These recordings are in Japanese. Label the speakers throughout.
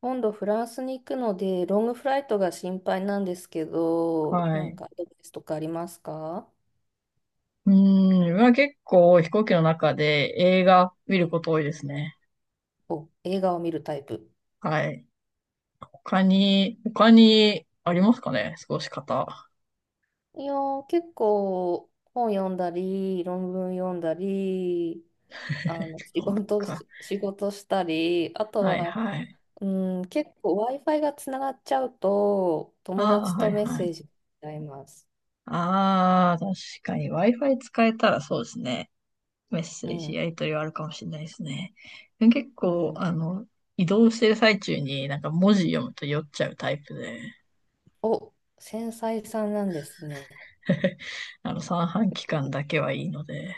Speaker 1: 今度フランスに行くので、ロングフライトが心配なんですけど、
Speaker 2: は
Speaker 1: なん
Speaker 2: い。
Speaker 1: かアドバイスとかありますか？
Speaker 2: まあ結構飛行機の中で映画見ること多いですね。
Speaker 1: お、映画を見るタイプ。
Speaker 2: はい。他にありますかね、過ごし方。
Speaker 1: いやー、結構本読んだり、論文読んだり、仕事
Speaker 2: か
Speaker 1: し、仕事したり、あと
Speaker 2: はい
Speaker 1: は、
Speaker 2: はい。
Speaker 1: うん、結構 Wi-Fi がつながっちゃうと、友
Speaker 2: ああ、
Speaker 1: 達
Speaker 2: はい
Speaker 1: とメッ
Speaker 2: はい。
Speaker 1: セージしちゃいます。
Speaker 2: ああ、確かに Wi-Fi 使えたらそうですね。メッセ
Speaker 1: う
Speaker 2: ージ
Speaker 1: ん、
Speaker 2: やり取りはあるかもしれないですね。でも結
Speaker 1: う
Speaker 2: 構、
Speaker 1: ん。
Speaker 2: 移動してる最中になんか文字読むと酔っちゃうタイプで、
Speaker 1: お、繊細さんなんですね。
Speaker 2: 三半規管だけはいいので、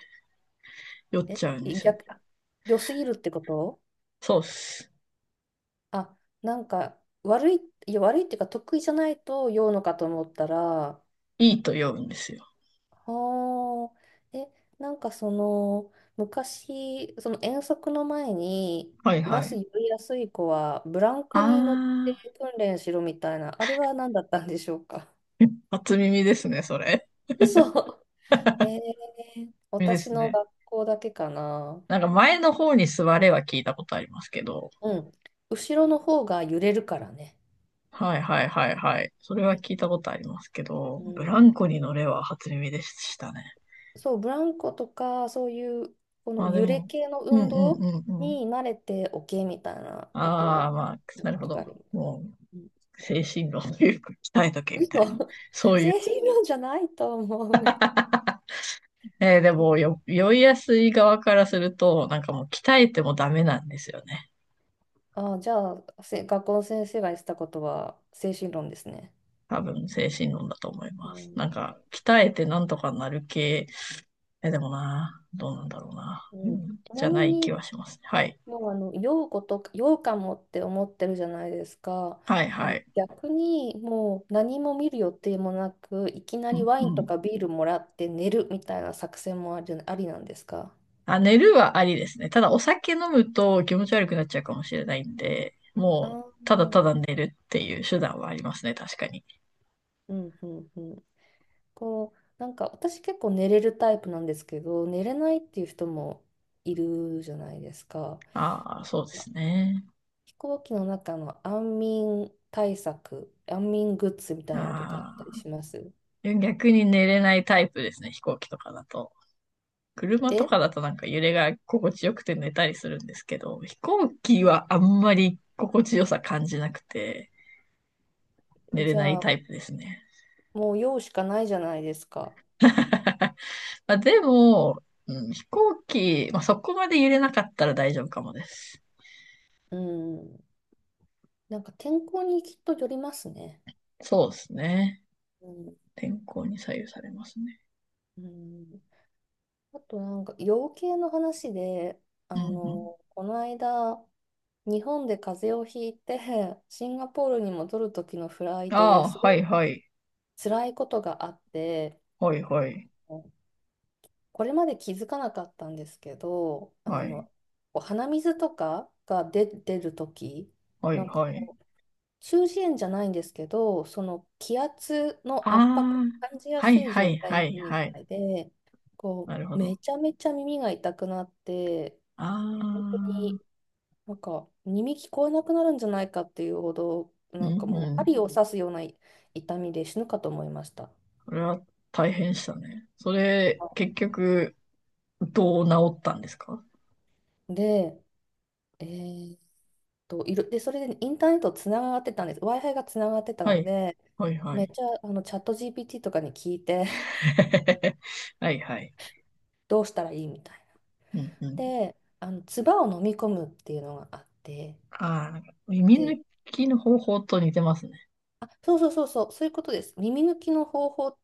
Speaker 2: 酔っ
Speaker 1: え、
Speaker 2: ちゃうんですよね。
Speaker 1: 逆、良すぎるってこと？
Speaker 2: そうっす。
Speaker 1: あ、なんか悪い、いや悪いっていうか得意じゃないと酔うのかと思ったら、
Speaker 2: いいと読むんですよ。
Speaker 1: あ、え、なんかその昔、その遠足の前に
Speaker 2: はい
Speaker 1: バ
Speaker 2: は
Speaker 1: ス
Speaker 2: い。
Speaker 1: 酔いやすい子はブラン
Speaker 2: あ
Speaker 1: コに乗って
Speaker 2: あ、
Speaker 1: 訓練しろみたいな、あれは何だったんでしょうか。
Speaker 2: 初耳ですね、それ。
Speaker 1: 嘘。えー、
Speaker 2: 耳で
Speaker 1: 私
Speaker 2: す
Speaker 1: の
Speaker 2: ね。
Speaker 1: 学校だけかな。
Speaker 2: なんか前の方に座れは聞いたことありますけど。
Speaker 1: うん。後ろの方が揺れるからね。
Speaker 2: はいはいはいはい。それは聞いたことありますけど、
Speaker 1: う
Speaker 2: ブラ
Speaker 1: ん、
Speaker 2: ンコに乗れは初耳でしたね。
Speaker 1: そう、ブランコとか、そういう、こ
Speaker 2: ま
Speaker 1: の
Speaker 2: あで
Speaker 1: 揺れ
Speaker 2: も、
Speaker 1: 系の
Speaker 2: うんう
Speaker 1: 運
Speaker 2: ん
Speaker 1: 動
Speaker 2: うんうん。
Speaker 1: に慣れておけみたいなこと
Speaker 2: ああ、
Speaker 1: を
Speaker 2: まあ、
Speaker 1: やっ
Speaker 2: な
Speaker 1: た
Speaker 2: る
Speaker 1: こ
Speaker 2: ほ
Speaker 1: とがあ
Speaker 2: ど。
Speaker 1: ります。
Speaker 2: も
Speaker 1: うん。
Speaker 2: う、精神論というか、鍛えとけ
Speaker 1: 嘘。
Speaker 2: みたいな。そう、
Speaker 1: 精神論じゃないと思う。
Speaker 2: で
Speaker 1: え。
Speaker 2: もよ、酔いやすい側からすると、なんかもう鍛えてもダメなんですよね。
Speaker 1: あ、じゃあ、学校の先生が言ってたことは精神論ですね。
Speaker 2: 多分精神論だと思い
Speaker 1: う
Speaker 2: ます。
Speaker 1: ん、
Speaker 2: なんか、鍛えてなんとかなる系、え、でもな、どうなんだろうな。
Speaker 1: う
Speaker 2: う
Speaker 1: ん。
Speaker 2: ん、
Speaker 1: ち
Speaker 2: じ
Speaker 1: な
Speaker 2: ゃ
Speaker 1: み
Speaker 2: ない
Speaker 1: に、
Speaker 2: 気はしますね。はい。
Speaker 1: 要はあの、酔うとか、かもって思ってるじゃないですか。
Speaker 2: はいはい。
Speaker 1: 逆にもう何も見る予定もなく、いきな
Speaker 2: う
Speaker 1: り
Speaker 2: ん、
Speaker 1: ワイン
Speaker 2: う
Speaker 1: と
Speaker 2: ん。
Speaker 1: かビールもらって寝るみたいな作戦もありなんですか？
Speaker 2: あ、寝るはありですね。ただお酒飲むと気持ち悪くなっちゃうかもしれないんで、
Speaker 1: あ
Speaker 2: もう、
Speaker 1: あ
Speaker 2: ただ
Speaker 1: ー、
Speaker 2: ただ寝るっていう手段はありますね。確かに。
Speaker 1: うんうんうん。こう、なんか私結構寝れるタイプなんですけど、寝れないっていう人もいるじゃないですか。
Speaker 2: ああ、そうですね。
Speaker 1: 飛行機の中の安眠対策、安眠グッズみたいなのとかあった
Speaker 2: あ
Speaker 1: りします？
Speaker 2: あ、逆に寝れないタイプですね、飛行機とかだと。車と
Speaker 1: え。
Speaker 2: かだとなんか揺れが心地よくて寝たりするんですけど、飛行機はあんまり心地よさ感じなくて寝れ
Speaker 1: じ
Speaker 2: ない
Speaker 1: ゃあ、
Speaker 2: タイプですね。
Speaker 1: もう用しかないじゃないですか。
Speaker 2: まあ、でも、うん、飛行機、まあ、そこまで揺れなかったら大丈夫かもです。
Speaker 1: うん。なんか天候にきっとよりますね。
Speaker 2: そうですね。
Speaker 1: うん。
Speaker 2: 天候に左右されますね。
Speaker 1: うん、あとなんか養鶏の話で、
Speaker 2: うんうん。
Speaker 1: この間、日本で風邪をひいて、シンガポールに戻る時のフライト
Speaker 2: あ
Speaker 1: で
Speaker 2: あ、
Speaker 1: す
Speaker 2: は
Speaker 1: ご
Speaker 2: い
Speaker 1: い
Speaker 2: はい。
Speaker 1: 辛いことがあって、
Speaker 2: はいはい。
Speaker 1: これまで気づかなかったんですけど、
Speaker 2: はい。
Speaker 1: こう鼻水とかが出る時
Speaker 2: は
Speaker 1: な
Speaker 2: い
Speaker 1: んか
Speaker 2: はい。
Speaker 1: 中耳炎じゃないんですけど、その気圧
Speaker 2: あ
Speaker 1: の圧迫を
Speaker 2: あ、
Speaker 1: 感じや
Speaker 2: は
Speaker 1: す
Speaker 2: い
Speaker 1: い
Speaker 2: は
Speaker 1: 状
Speaker 2: い
Speaker 1: 態
Speaker 2: は
Speaker 1: に
Speaker 2: い
Speaker 1: なるみ
Speaker 2: はい。
Speaker 1: たいで、こ
Speaker 2: なるほ
Speaker 1: う、め
Speaker 2: ど。
Speaker 1: ちゃめちゃ耳が痛くなって、
Speaker 2: あ
Speaker 1: 本当
Speaker 2: あ、
Speaker 1: になんか耳聞こえなくなるんじゃないかっていうほど、
Speaker 2: う
Speaker 1: なんか
Speaker 2: ん
Speaker 1: も
Speaker 2: う
Speaker 1: う
Speaker 2: ん。
Speaker 1: 針を刺すような痛みで死ぬかと思いました。
Speaker 2: それは大変でしたね。それ、結局、どう治ったんですか？
Speaker 1: で、えーっと、いろ、で、それでインターネットつながってたんです。Wi-Fi がつながってた
Speaker 2: は
Speaker 1: の
Speaker 2: い。
Speaker 1: で、
Speaker 2: はいは
Speaker 1: めっ
Speaker 2: い。
Speaker 1: ちゃチャット GPT とかに聞いて、
Speaker 2: はいはい。
Speaker 1: どうしたらいいみたい
Speaker 2: うんう
Speaker 1: な。
Speaker 2: ん。
Speaker 1: で、唾を飲み込むっていうのがあって、
Speaker 2: ああ、耳
Speaker 1: で、
Speaker 2: 抜きの方法と似てますね。
Speaker 1: あ、そうそうそうそう、そういうことです。耳抜きの方法っ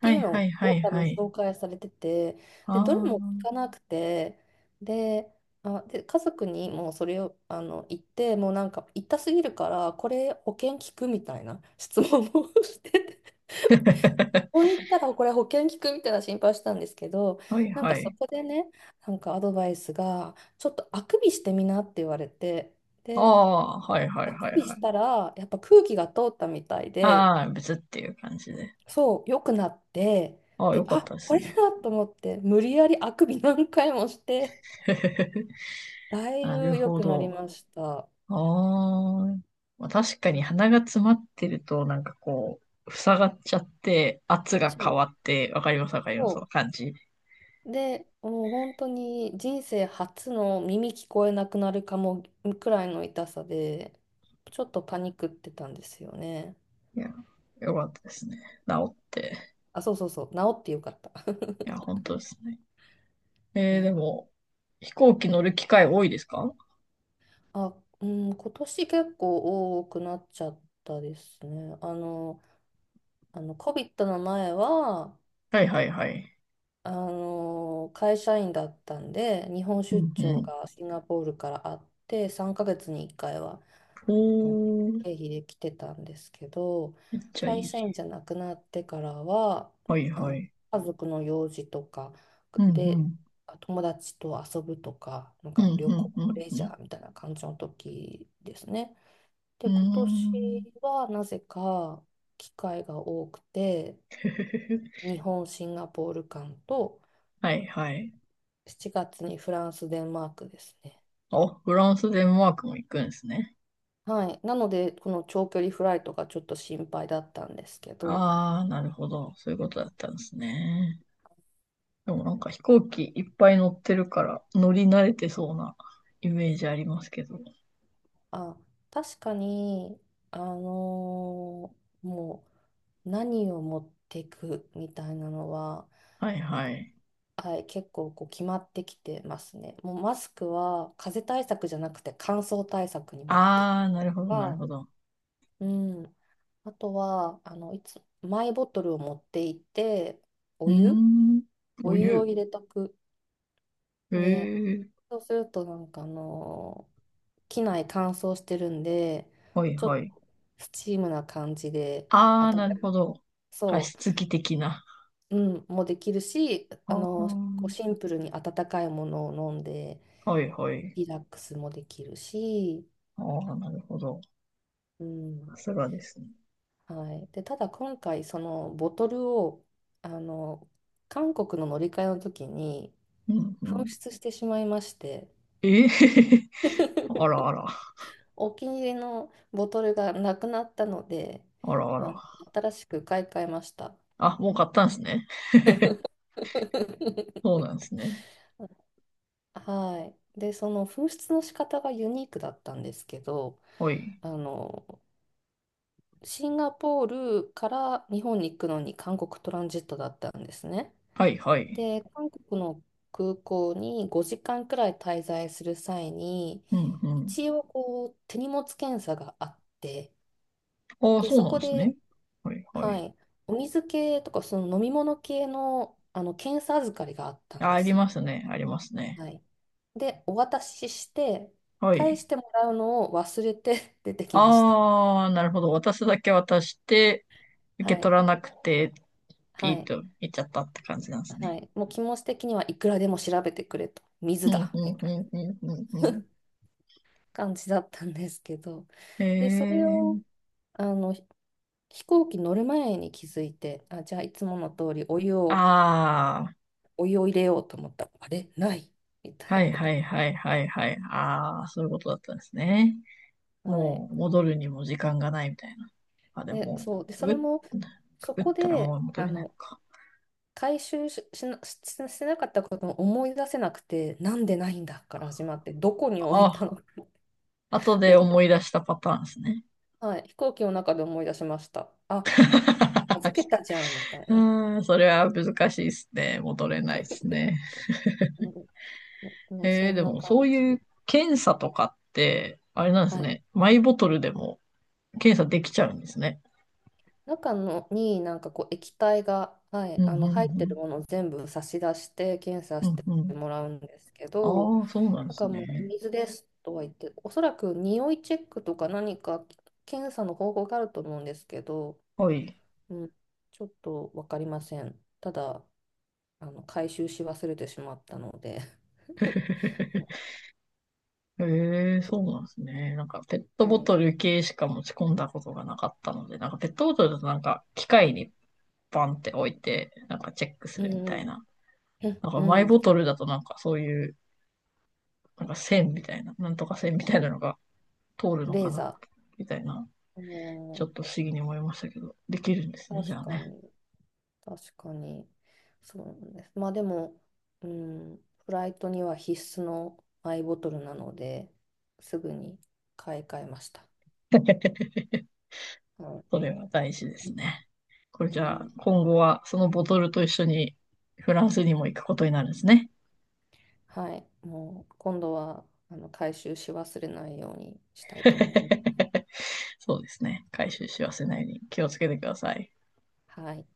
Speaker 2: は
Speaker 1: てい
Speaker 2: い
Speaker 1: う
Speaker 2: は
Speaker 1: の
Speaker 2: いは
Speaker 1: を
Speaker 2: い
Speaker 1: 多分
Speaker 2: はい。
Speaker 1: 紹介されてて、で、どれも聞
Speaker 2: あ
Speaker 1: かなくて、で、あ、で、家族にもうそれを言って、もうなんか痛すぎるから、これ保険聞くみたいな 質問を してて、
Speaker 2: あ、
Speaker 1: ここに行ったらこれ保険聞くみたいな心配したんですけど、
Speaker 2: はい
Speaker 1: なんか
Speaker 2: は
Speaker 1: そ
Speaker 2: い。
Speaker 1: こでね、なんかアドバイスが、ちょっとあくびしてみなって言われて、
Speaker 2: あ
Speaker 1: で、
Speaker 2: あ、はいはい
Speaker 1: あ
Speaker 2: は
Speaker 1: く
Speaker 2: い
Speaker 1: び
Speaker 2: は
Speaker 1: し
Speaker 2: い。
Speaker 1: たら、やっぱ空気が通ったみたいで、
Speaker 2: ああ、別っていう感じで。
Speaker 1: そう、良くなって、
Speaker 2: ああ、
Speaker 1: で、
Speaker 2: よか
Speaker 1: あ、
Speaker 2: ったで
Speaker 1: こ
Speaker 2: す
Speaker 1: れ
Speaker 2: ね。
Speaker 1: だと思って、無理やりあくび何回もして、だい
Speaker 2: なる
Speaker 1: ぶ良
Speaker 2: ほ
Speaker 1: くなり
Speaker 2: ど。
Speaker 1: ました。
Speaker 2: ああ、まあ、確か
Speaker 1: う
Speaker 2: に
Speaker 1: ん、
Speaker 2: 鼻が詰まってると、なんかこう、塞がっちゃって、圧が
Speaker 1: そ
Speaker 2: 変
Speaker 1: う、
Speaker 2: わって、わかりますわかりま
Speaker 1: そ
Speaker 2: す、その感じ。
Speaker 1: う。で、もう本当に人生初の耳聞こえなくなるかもくらいの痛さで、ちょっとパニックってたんですよね。
Speaker 2: いや、よかったですね、治って。
Speaker 1: あ、そうそうそう、治ってよかった。
Speaker 2: いや、本当ですね。
Speaker 1: い
Speaker 2: えー、
Speaker 1: や、
Speaker 2: でも、飛行機乗る機会多いですか？
Speaker 1: あ、うん、今年結構多くなっちゃったですね。COVID の前は、
Speaker 2: はいはいはい。
Speaker 1: 会社員だったんで、日本
Speaker 2: う
Speaker 1: 出
Speaker 2: んう
Speaker 1: 張
Speaker 2: ん。
Speaker 1: がシンガポールからあって、3ヶ月に1回は、
Speaker 2: お
Speaker 1: あの
Speaker 2: ー、
Speaker 1: 経費で来てたんですけど、
Speaker 2: めっちゃい
Speaker 1: 会
Speaker 2: い。
Speaker 1: 社員じゃなくなってからは、
Speaker 2: はい
Speaker 1: あ
Speaker 2: は
Speaker 1: の、
Speaker 2: い。
Speaker 1: 家族の用事とか
Speaker 2: うんう
Speaker 1: で、
Speaker 2: ん。
Speaker 1: 友達と遊ぶとか、なん
Speaker 2: うん
Speaker 1: か旅
Speaker 2: うん
Speaker 1: 行、
Speaker 2: うん
Speaker 1: レ
Speaker 2: う
Speaker 1: ジャ
Speaker 2: ん。
Speaker 1: ーみたいな感じの時ですね。
Speaker 2: う
Speaker 1: で、
Speaker 2: ー
Speaker 1: 今年
Speaker 2: ん。
Speaker 1: はなぜか機会が多くて、日本、シンガポール間と、
Speaker 2: はいはい。
Speaker 1: 7月にフランス、デンマークですね。
Speaker 2: あ、フランス、デンマークも行くんですね。
Speaker 1: はい。なので、この長距離フライトがちょっと心配だったんですけど、
Speaker 2: ああ、なるほど。そういうことだったんですね。でもなんか飛行機いっぱい乗ってるから乗り慣れてそうなイメージありますけど。
Speaker 1: あ、確かに、あのもう何を持っていくみたいなのは、
Speaker 2: はいはい。
Speaker 1: はい、結構こう決まってきてますね。もうマスクは風邪対策じゃなくて乾燥対策に持ってい
Speaker 2: ああ、なるほ
Speaker 1: く
Speaker 2: ど、なる
Speaker 1: か。
Speaker 2: ほど。
Speaker 1: うん。あとは、マイボトルを持っていて、
Speaker 2: う
Speaker 1: お
Speaker 2: ー
Speaker 1: 湯
Speaker 2: ん。
Speaker 1: お
Speaker 2: お
Speaker 1: 湯を
Speaker 2: 湯。
Speaker 1: 入れとく。
Speaker 2: へ
Speaker 1: で、
Speaker 2: え。
Speaker 1: そうするとなんか機内乾燥してるんで、
Speaker 2: はい
Speaker 1: ちょっ
Speaker 2: はい。
Speaker 1: とスチームな感じで、
Speaker 2: あ
Speaker 1: あ
Speaker 2: あ、
Speaker 1: た、
Speaker 2: なるほど。加
Speaker 1: そ
Speaker 2: 湿器的な。
Speaker 1: う、うん、もできるし、
Speaker 2: ああ、
Speaker 1: こうシンプルに温かいものを飲んで、
Speaker 2: はいはい。
Speaker 1: リラックスもできるし、
Speaker 2: ああ、なるほど。
Speaker 1: う
Speaker 2: さ
Speaker 1: ん、
Speaker 2: すがですね。
Speaker 1: はい。で、ただ今回、そのボトルを、あのー韓国の乗り換えの時に
Speaker 2: うんう
Speaker 1: 紛
Speaker 2: ん。
Speaker 1: 失してしまいまして、
Speaker 2: ええ、 あらあら。
Speaker 1: お気に入りのボトルがなくなったので、
Speaker 2: あらあ
Speaker 1: あの、
Speaker 2: ら。
Speaker 1: 新しく買い替えました。
Speaker 2: あ、もう買ったんですね。そう なんですね。
Speaker 1: はい。で、その紛失の仕方がユニークだったんですけど、
Speaker 2: はい。
Speaker 1: あの、シンガポールから日本に行くのに韓国トランジットだったんですね。
Speaker 2: はいはい。
Speaker 1: で、韓国の空港に5時間くらい滞在する際に、
Speaker 2: うんうん。
Speaker 1: 一応こう手荷物検査があって、
Speaker 2: ああ、
Speaker 1: で、
Speaker 2: そう
Speaker 1: そ
Speaker 2: なん
Speaker 1: こ
Speaker 2: です
Speaker 1: で、
Speaker 2: ね。はいは
Speaker 1: は
Speaker 2: い。
Speaker 1: い。お水系とか、その飲み物系の、検査預かりがあったん
Speaker 2: あ、
Speaker 1: で
Speaker 2: あ
Speaker 1: す
Speaker 2: りま
Speaker 1: よ。
Speaker 2: すね、ありますね。
Speaker 1: はい。で、お渡しして、
Speaker 2: は
Speaker 1: 返
Speaker 2: い。
Speaker 1: してもらうのを忘れて 出てきました。
Speaker 2: ああ、なるほど。渡すだけ渡して、受
Speaker 1: は
Speaker 2: け
Speaker 1: い。
Speaker 2: 取らなくて、
Speaker 1: は
Speaker 2: ピー
Speaker 1: い。
Speaker 2: と行っちゃったって感じなんです
Speaker 1: は
Speaker 2: ね。
Speaker 1: い。もう気持ち的にはいくらでも調べてくれと。
Speaker 2: う
Speaker 1: 水
Speaker 2: ん
Speaker 1: だ。
Speaker 2: う
Speaker 1: み
Speaker 2: んう
Speaker 1: たいな
Speaker 2: んうんうんうん。
Speaker 1: 感じだったんですけど。
Speaker 2: え
Speaker 1: で、それ
Speaker 2: え
Speaker 1: を、
Speaker 2: ー。
Speaker 1: あの、ひ飛行機乗る前に気づいて、あ、じゃあいつもの通りお湯を、
Speaker 2: あ
Speaker 1: お湯を入れようと思ったら、あれないみた
Speaker 2: あ、はいはい
Speaker 1: い
Speaker 2: はいはいはい。ああ、そういうことだったんですね。
Speaker 1: な。はい。
Speaker 2: もう戻るにも時間がないみたいな。あ、で
Speaker 1: で、
Speaker 2: も、
Speaker 1: そう。で、
Speaker 2: く
Speaker 1: そ
Speaker 2: ぐっ、
Speaker 1: れも、
Speaker 2: く
Speaker 1: そ
Speaker 2: ぐっ
Speaker 1: こ
Speaker 2: たらも
Speaker 1: で、
Speaker 2: う戻れないのか。
Speaker 1: 回収してなかったことを思い出せなくて、なんでないんだから始まって、どこに置い
Speaker 2: あ、
Speaker 1: たの
Speaker 2: 後
Speaker 1: め
Speaker 2: で
Speaker 1: っち
Speaker 2: 思い出したパターンですね。
Speaker 1: ゃ、はい、飛行機の中で思い出しました。あ、預けたじゃん、みたい
Speaker 2: う
Speaker 1: な。
Speaker 2: ん、それは難しいですね。戻れないですね。
Speaker 1: うん、もう
Speaker 2: え
Speaker 1: そ
Speaker 2: ー、
Speaker 1: ん
Speaker 2: で
Speaker 1: な
Speaker 2: も
Speaker 1: 感
Speaker 2: そうい
Speaker 1: じ。
Speaker 2: う検査とかって、あれなんです
Speaker 1: はい。
Speaker 2: ね。マイボトルでも検査できちゃうんですね。
Speaker 1: 中のになんかこう液体が、は
Speaker 2: う
Speaker 1: い、
Speaker 2: ん、う
Speaker 1: 入ってる
Speaker 2: ん、
Speaker 1: ものを全部差し出して検査
Speaker 2: う
Speaker 1: し
Speaker 2: ん。
Speaker 1: て
Speaker 2: うん、う
Speaker 1: も
Speaker 2: ん。
Speaker 1: らうんですけど、
Speaker 2: ああ、そうなんで
Speaker 1: なん
Speaker 2: す
Speaker 1: かもう
Speaker 2: ね。
Speaker 1: 水ですとは言って、おそらく匂いチェックとか何か検査の方法があると思うんですけど、
Speaker 2: はい。
Speaker 1: うん、ちょっと分かりません。ただ、回収し忘れてしまったので も
Speaker 2: ええ、
Speaker 1: う、
Speaker 2: そう
Speaker 1: そ
Speaker 2: なんですね。なんかペット
Speaker 1: う、
Speaker 2: ボ
Speaker 1: はい。
Speaker 2: トル系しか持ち込んだことがなかったので、なんかペットボトルだとなんか機械にバンって置いて、なんかチェックす
Speaker 1: う
Speaker 2: るみ
Speaker 1: んう
Speaker 2: たい
Speaker 1: ん。
Speaker 2: な。
Speaker 1: うん、
Speaker 2: なんかマイ
Speaker 1: うん。
Speaker 2: ボトルだとなんかそういう、なんか線みたいな、なんとか線みたいなのが通るの
Speaker 1: レ
Speaker 2: か
Speaker 1: ー
Speaker 2: な、
Speaker 1: ザ
Speaker 2: みたいな。
Speaker 1: ー。
Speaker 2: ち
Speaker 1: う
Speaker 2: ょ
Speaker 1: ん、
Speaker 2: っと不思議に思いましたけど、できるんですね、じ
Speaker 1: 確
Speaker 2: ゃあ
Speaker 1: か
Speaker 2: ね。
Speaker 1: に。確かに。そうなんです。まあでも、うん、フライトには必須のアイボトルなので、すぐに買い替えました。は
Speaker 2: それは大事で
Speaker 1: い。
Speaker 2: すね。これ
Speaker 1: う
Speaker 2: じゃあ、
Speaker 1: ん、
Speaker 2: 今後はそのボトルと一緒にフランスにも行くことになるんですね。
Speaker 1: はい。もう今度は回収し忘れないようにしたいと思います。
Speaker 2: そうですね。回収し忘れないように気をつけてください。
Speaker 1: はい。